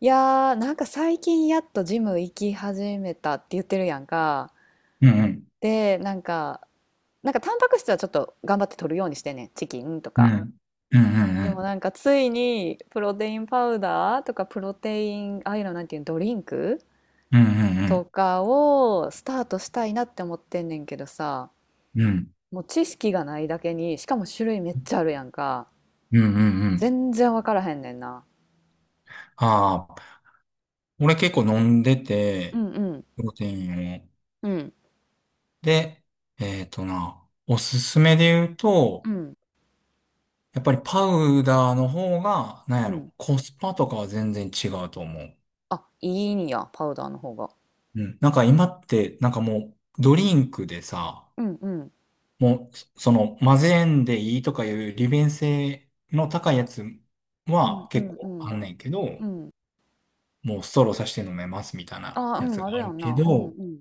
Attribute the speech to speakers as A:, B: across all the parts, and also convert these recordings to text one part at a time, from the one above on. A: いやーなんか最近やっとジム行き始めたって言ってるやんか。
B: うんうん。
A: で、なんか、なんかタンパク質はちょっと頑張って取るようにしてんねん。チキンと
B: う
A: か。
B: ん。うんうんう
A: でも
B: ん。
A: なんかついにプロテインパウダーとかプロテイン、ああいうのなんていうのドリンク
B: う
A: と
B: ん
A: かをスタートしたいなって思ってんねんけどさ、
B: うんうん。うん
A: もう知識がないだけに、しかも種類めっちゃあるやんか。
B: うんうんうんうんうんうんうんうんうんうん
A: 全然わからへんねんな。
B: ああ、俺結構飲んで
A: う
B: て、
A: んうん。
B: プロテインを。
A: うん
B: で、えっとな、おすすめで言う
A: う
B: と、
A: ん
B: やっぱりパウダーの方が、なんや
A: うん。
B: ろ、コスパとかは全然違うと思う。
A: あ、いいんや、パウダーの方が。
B: うん。なんか今って、なんかもう、ドリンクでさ、
A: うんうん。
B: もう、その、混ぜんでいいとかいう利便性の高いやつ
A: うん
B: は
A: う
B: 結
A: んう
B: 構
A: ん。
B: あんねんけど、
A: うん。
B: もうストローさして飲めますみたいな
A: ああ、う
B: やつ
A: ん、あ
B: が
A: る
B: あ
A: や
B: る
A: ん
B: け
A: な。うんう
B: ど、
A: ん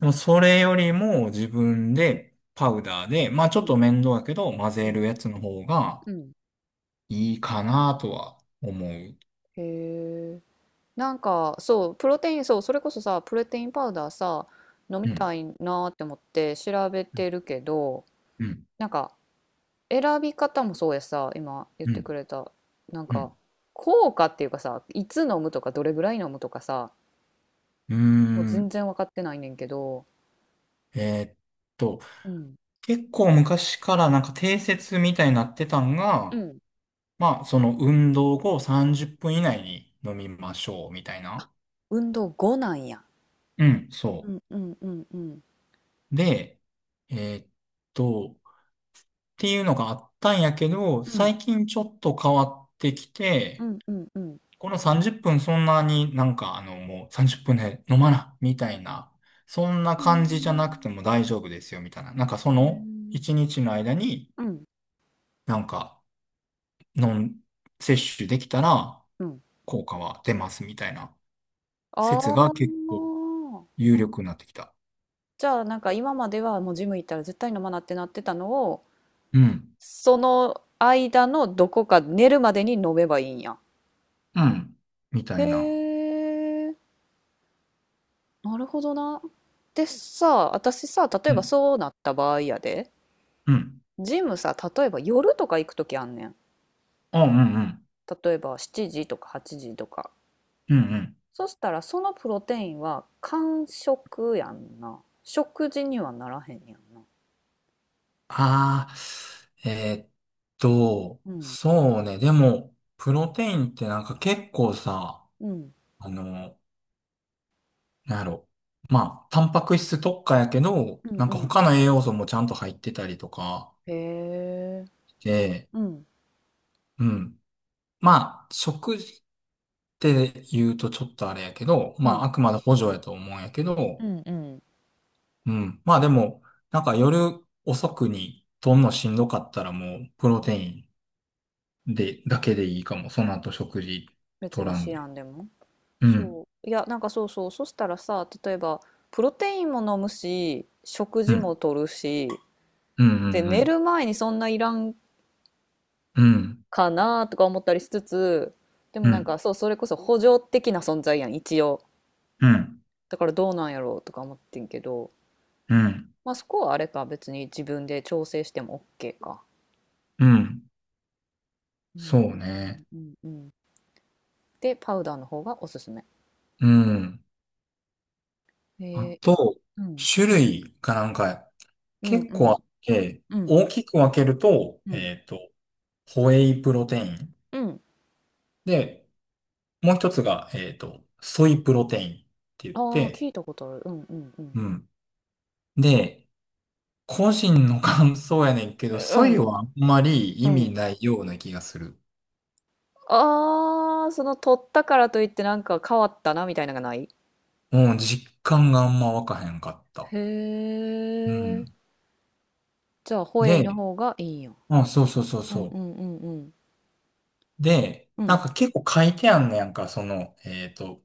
B: でもそれよりも自分でパウダーで、まあ
A: う
B: ちょっと
A: ん
B: 面倒だけど混
A: う
B: ぜ
A: ん
B: るやつの方が
A: うん。
B: いいかなとは思う。
A: へえ。なんか、そう、プロテイン、そう、それこそさ、プロテインパウダーさ、飲み
B: う
A: た
B: ん。
A: いなーって思って調べ
B: うん。
A: てるけど、
B: う
A: なんか、選び方もそうやさ、今言って
B: ん。
A: くれた、なん
B: う
A: か、
B: ん。
A: 効果っていうかさ、いつ飲むとか、どれぐらい飲むとかさ、
B: うー
A: もう全
B: ん。
A: 然分かってないねんけど、
B: えーっと、
A: うん。
B: 結構昔からなんか定説みたいになってたん
A: う
B: が、
A: ん。
B: まあその運動後30分以内に飲みましょうみたいな。
A: 運動後なんや。
B: うん、
A: う
B: そ
A: んうんうんうん。
B: う。で、えーっと、っていうのがあったんやけど、
A: うん
B: 最近ちょっと変わってき
A: う
B: て、
A: んうんうん。
B: この30分そんなになんかもう30分で飲まな、みたいな、そんな
A: うー
B: 感じじゃなくて
A: ん。
B: も大丈夫ですよ、みたいな。なんかそ
A: へ
B: の
A: え。
B: 1日の間に
A: うん、
B: なんか飲ん、摂取できたら
A: うん。
B: 効果は出ます、みたいな説
A: あ
B: が結構
A: あ。
B: 有力になってきた。
A: じゃあ、なんか今まではもうジム行ったら絶対飲まなってなってたのを、
B: うん、
A: その間のどこか寝るまでに飲めばいいんや。
B: うん、みたいな。
A: へえ、なるほどな。でさ、私さ、例え
B: う
A: ば
B: ん、
A: そうなった場合やで、
B: うん。
A: ジムさ、例えば夜とか行くときあんねん。
B: あ、うん、うん、
A: 例えば7時とか8時とか。
B: うん、うん。
A: そしたらそのプロテインは間食やんな。食事にはならへんやん。
B: ああ、えーっ
A: うん、
B: そうね。でも、プロテインってなんか結構さ、
A: うん、
B: あの、なんやろ。まあ、タンパク質特化やけど、
A: うんう
B: なんか
A: んう
B: 他
A: ん。
B: の栄養素もちゃんと入ってたりとか
A: へえ。
B: で、
A: うん、
B: うん。まあ、食事って言うとちょっとあれやけど、
A: う
B: まあ、
A: ん、
B: あくまで補助やと思うんやけ
A: う
B: ど、
A: んうん。
B: うん。まあでも、なんか夜遅くにとんのしんどかったらもう、プ
A: う
B: ロテ
A: ん。
B: イン。で、だけでいいかも。その後食事
A: 別
B: 取
A: に
B: らん
A: シア
B: で。
A: ンでも
B: うん、
A: そう。いや、なんかそうそう、そしたらさ、例えば、プロテインも飲むし、食
B: う
A: 事も
B: ん、
A: とるし、
B: うん、う
A: で、寝
B: ん、
A: る前にそんないらん
B: うん、
A: かなとか思ったりしつつ、でも
B: う
A: なん
B: ん、
A: かそう、それこそ補助的な存在やん、一応。
B: うん、
A: だからどうなんやろうとか思ってんけど、
B: うん、
A: まあそこはあれか、別に自分で調整しても OK か。
B: うん、
A: う
B: そ
A: んう
B: う
A: んうん
B: ね。
A: うんうんで、パウダーの方がおすすめ。
B: うん。あ
A: ええ、
B: と、
A: うん。
B: 種類がなんか
A: うん
B: 結
A: う
B: 構あ
A: ん
B: って、
A: うん
B: 大きく分けると、
A: うん
B: ホエイプロテイン。
A: うん。
B: で、もう一つが、ソイプロテインって言っ
A: ああー、聞
B: て、
A: いたことある。うんうんうん。
B: うん。で、個人の感想やねんけど、
A: う
B: ソイ
A: ん。
B: はあんまり
A: う
B: 意味
A: ん。
B: ないような気がする。
A: ああー、その取ったからといってなんか変わったなみたいなのがない
B: うん、実感があんま湧かへんかった。
A: へ
B: うん。
A: え。じゃあ、ホエイの
B: で、
A: 方がいいんや。
B: あそうそうそう
A: うんう
B: そ
A: んうんうん。
B: う。で、
A: う
B: な
A: ん
B: んか結構書いてあんねやんか、その、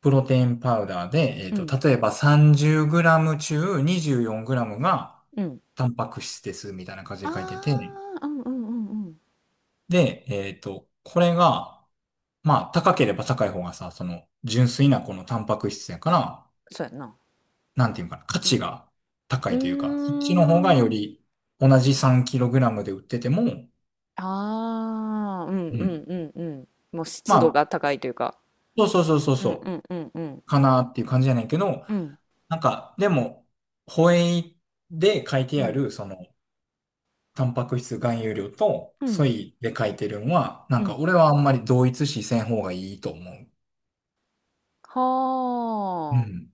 B: プロテインパウダーで、
A: うん
B: 例えば 30g 中 24g が
A: うん。
B: タンパク質ですみたいな感じ
A: あ
B: で書いてて、
A: あ、うんうんうんうん。
B: で、これが、まあ、高ければ高い方がさ、その、純粋なこのタンパク質やから、
A: そうやんな。
B: なんていうかな、価
A: う
B: 値
A: ん。
B: が高
A: う
B: いというか、そっ
A: ー
B: ちの方がよ
A: ん。
B: り同じ 3kg で売ってても、
A: ああ、うん
B: う
A: う
B: ん。
A: んうんうん。もう
B: ま
A: 湿度が
B: あ、
A: 高いというか。
B: そうそうそうそう
A: うんう
B: そ
A: んうんうん。
B: う、かなっていう感じじゃないけど、
A: うん。
B: なんか、でも、ホエイで書いて
A: う
B: あ
A: ん。
B: る、その、タンパク質含有量と、
A: う
B: ソ
A: ん。
B: イで書いてるのは、な
A: う
B: んか
A: ん。
B: 俺はあんまり同一視せん方がいいと思う。う
A: は
B: ん。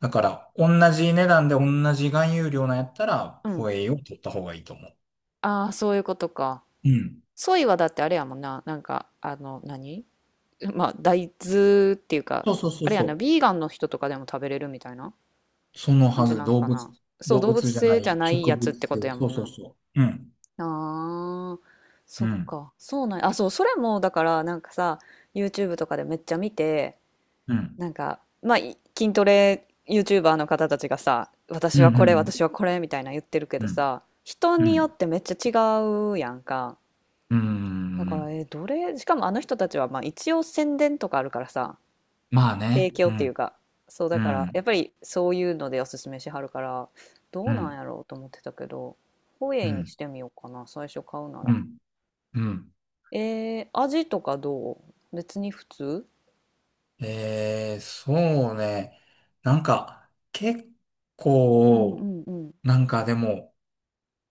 B: だから、同じ値段で同じ含有量なんやったら、
A: あ。うん。
B: ホエイを取った方がいいと思う。
A: ああ、そういうことか。
B: うん。
A: ソイはだってあれやもんな。なんか、あの、何まあ、大豆っていう
B: そ
A: か、
B: うそうそ
A: あ
B: う
A: れやな、
B: そう。
A: ビーガンの人とかでも食べれるみたいな
B: その
A: 感
B: は
A: じ
B: ず、
A: なんかな。そう、
B: 動
A: 動物
B: 物じゃな
A: 性じゃ
B: い、
A: ない
B: 植
A: やつ
B: 物
A: ってこと
B: 性、
A: やも
B: そ
A: ん
B: うそう
A: な。
B: そう。うん、
A: ああ、そ
B: う
A: っ
B: ん、
A: か。そうなんや。あ、そう、それも、だから、なんかさ、YouTube とかでめっちゃ見て、
B: うん、
A: なんか、まあ、筋トレ YouTuber の方たちがさ、
B: う
A: 私はこれ、
B: ん、
A: 私はこれみたいな言ってるけ
B: う
A: ど
B: ん、
A: さ、人
B: うん、
A: に
B: う
A: よっ
B: ん、
A: てめっちゃ違うやんか。
B: う
A: だ
B: ん、
A: から、え、どれ、しかもあの人たちは、まあ、一応宣伝とかあるからさ、
B: まあ
A: 提
B: ね、う
A: 供っていう
B: ん、
A: か、そうだ
B: う
A: から、やっ
B: ん、
A: ぱりそういうのでおすすめしはるから、ど
B: う
A: うなん
B: ん、
A: やろうと思ってたけど、ホエ
B: う
A: イに
B: ん、
A: してみようかな、最初買うな
B: う
A: ら。
B: ん、うん。
A: えー、味とかどう別に普通
B: そうね、なんか、結
A: うんう
B: 構、
A: んうん。
B: なんかでも、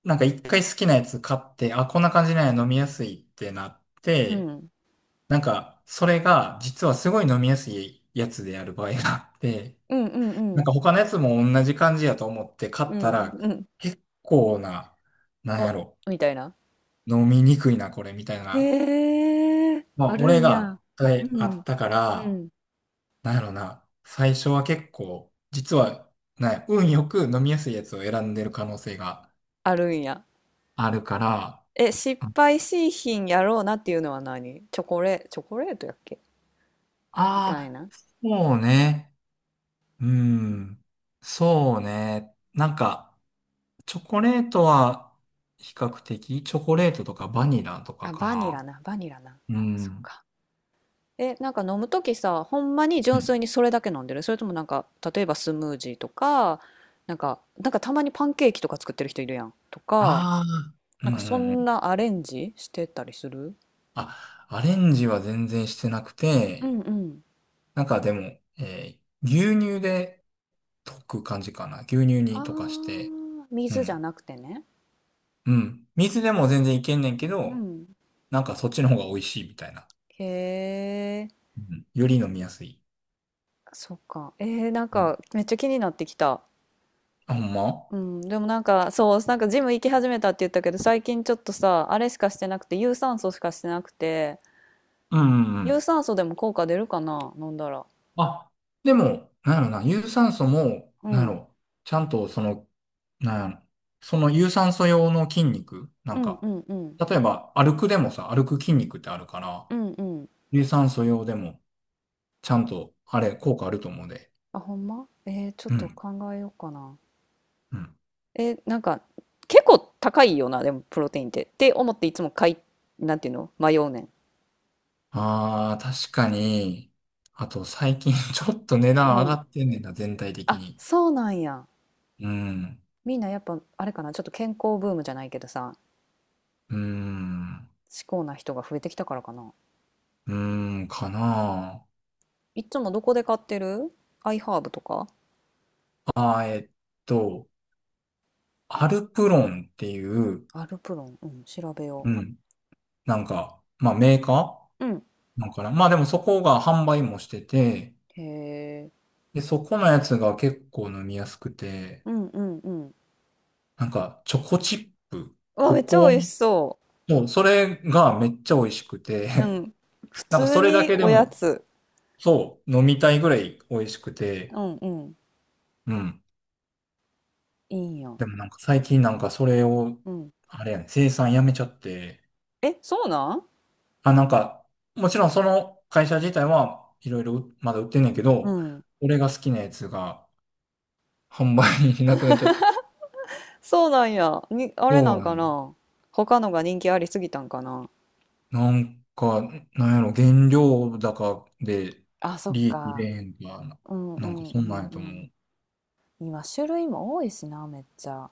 B: なんか一回好きなやつ買って、あ、こんな感じなんや飲みやすいってなっ
A: う
B: て、
A: ん。
B: なんか、それが、実はすごい飲みやすいやつである場合があって、
A: うんうんう
B: なん
A: ん。
B: か他のやつも同じ感じやと思って買
A: う
B: った
A: ん
B: ら、
A: うん
B: 結構な、なん
A: お、
B: やろ、
A: みたいな。
B: 飲みにくいな、これ、みたいな。
A: へえ、
B: ま
A: あ
B: あ、
A: る
B: 俺
A: んや。
B: があ
A: う
B: ったあ
A: ん、
B: ったか
A: う
B: ら、
A: ん、
B: なんやろな、最初は結構、実は、なんや運よく飲みやすいやつを選んでる可能性が
A: あるんや。
B: あるから、
A: え、失敗しいひんやろうなっていうのは何チョコレ、チョコレートやっけみたい
B: ああ
A: な。
B: ー、そうね、うん、そうね、なんか、チョコレートは比較的、チョコレートとかバニラとか
A: あ、
B: か
A: バニ
B: な。
A: ラな、バニラな。
B: う
A: そっ
B: ん。
A: か。え、なんか飲むときさ、ほんまに純粋にそれだけ飲んでるそれともなんか、例えばスムージーとか、なんか、なんかたまにパンケーキとか作ってる人いるやん。とか、
B: ああ、う
A: なん
B: んう
A: かそ
B: んう
A: ん
B: ん。
A: なアレンジしてたりする
B: あ、アレンジは全然してなく
A: う
B: て、
A: んうん。
B: なんかでも、牛乳で溶く感じかな。牛乳
A: あ
B: に溶かして、
A: ー、
B: う
A: 水じゃ
B: ん。
A: なくてね。
B: うん。水でも全然いけんねんけ
A: う
B: ど、
A: ん。
B: なんかそっちの方が美味しいみたいな。
A: へえ、
B: うん。より飲みやすい。
A: そっか。えー、なん
B: うん。
A: かめっちゃ気になってきた。
B: あ、ほんま
A: うん、でもなんかそう、なんかジム行き始めたって言ったけど、最近ちょっとさ、あれしかしてなくて、有酸素しかしてなくて、
B: うんうんう
A: 有
B: ん。
A: 酸素でも効果出るかな、飲んだら。
B: あ、でも、なんやろな、有酸素も、
A: う
B: なんや
A: ん、
B: ろ、ちゃんとその、なんやろ、その有酸素用の筋肉、な
A: う
B: ん
A: ん
B: か、
A: うんうん。
B: 例えば歩くでもさ、歩く筋肉ってあるから、
A: うんうん。
B: 有酸素用でも、ちゃんと、あれ、効果あると思うで。
A: あ、ほんまえー、ちょっ
B: う
A: と
B: ん。
A: 考えようかな。
B: うん。
A: えー、なんか結構高いよな、でもプロテインって。って思っていつも買い、なんていうの迷うねん。
B: ああ確かに。あと、最近 ちょっと値
A: う
B: 段上が
A: ん。
B: ってんねんな、全体的
A: あ、
B: に。
A: そうなんや。
B: うん。
A: みんなやっぱあれかな、ちょっと健康ブームじゃないけどさ、
B: うーん。
A: 至高な人が増えてきたからかな。
B: うーん、かな
A: いつもどこで買ってるアイハーブとか
B: ああー、えっと、アルプロンっていう、
A: アルプロン、うん、調べよ
B: うん。なんか、まあメーカ
A: う。うん。
B: ーなんかな。まあでもそこが販売もしてて、
A: へえ。
B: で、そこのやつが結構飲みやすくて、
A: うんうんうん。
B: なんかチョコチップ、
A: うわ、
B: コ
A: めっちゃ
B: コア、
A: 美味しそ
B: そう、それがめっちゃ美味しく
A: う。う
B: て、
A: ん。普
B: なんか
A: 通
B: それだ
A: に
B: けで
A: おや
B: も、
A: つ。
B: そう、飲みたいぐらい美味しく
A: う
B: て、
A: んうん。
B: うん。
A: いいんや。
B: でもなんか最近なんかそれを、
A: うん。
B: あれやね、生産やめちゃって、
A: え、そうなん
B: あ、なんか、もちろんその会社自体はいろいろまだ売ってんねんけ
A: う
B: ど、
A: ん。
B: 俺が好きなやつが、販売になくなっちゃった。
A: そうなんや。に、あれな
B: そ
A: ん
B: うだ
A: か
B: ね。
A: な。他のが人気ありすぎたんかな。
B: なんか、なんやろ、原料高で
A: あ、そっ
B: 利益出
A: か。
B: へんとかな、
A: うんう
B: なんか
A: んう
B: そんなん
A: ん
B: や
A: う
B: と思
A: ん。
B: う。
A: 今種類も多いしな、めっちゃ。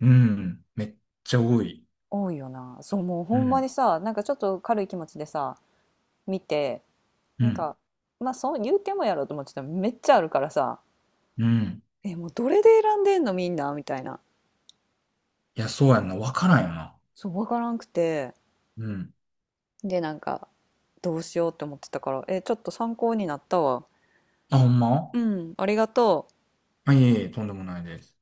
B: うん。めっちゃ多い。
A: 多いよな。そう、もうほ
B: う
A: んま
B: ん。
A: にさ、なんかちょっと軽い気持ちでさ、見て、
B: う
A: なん
B: ん。
A: か、まあそう言うてもやろうと思ってたらめっちゃあるからさ、
B: うん。
A: え、もうどれで選んでんのみんなみたいな。
B: いや、そうやんな。わからんよな。
A: そう、わからんくて。
B: うん。
A: で、なんか、どうしようって思ってたから、え、ちょっと参考になったわ。
B: あ、ほんま
A: うん、ありがとう。
B: あ、いえいえ、とんでもないです。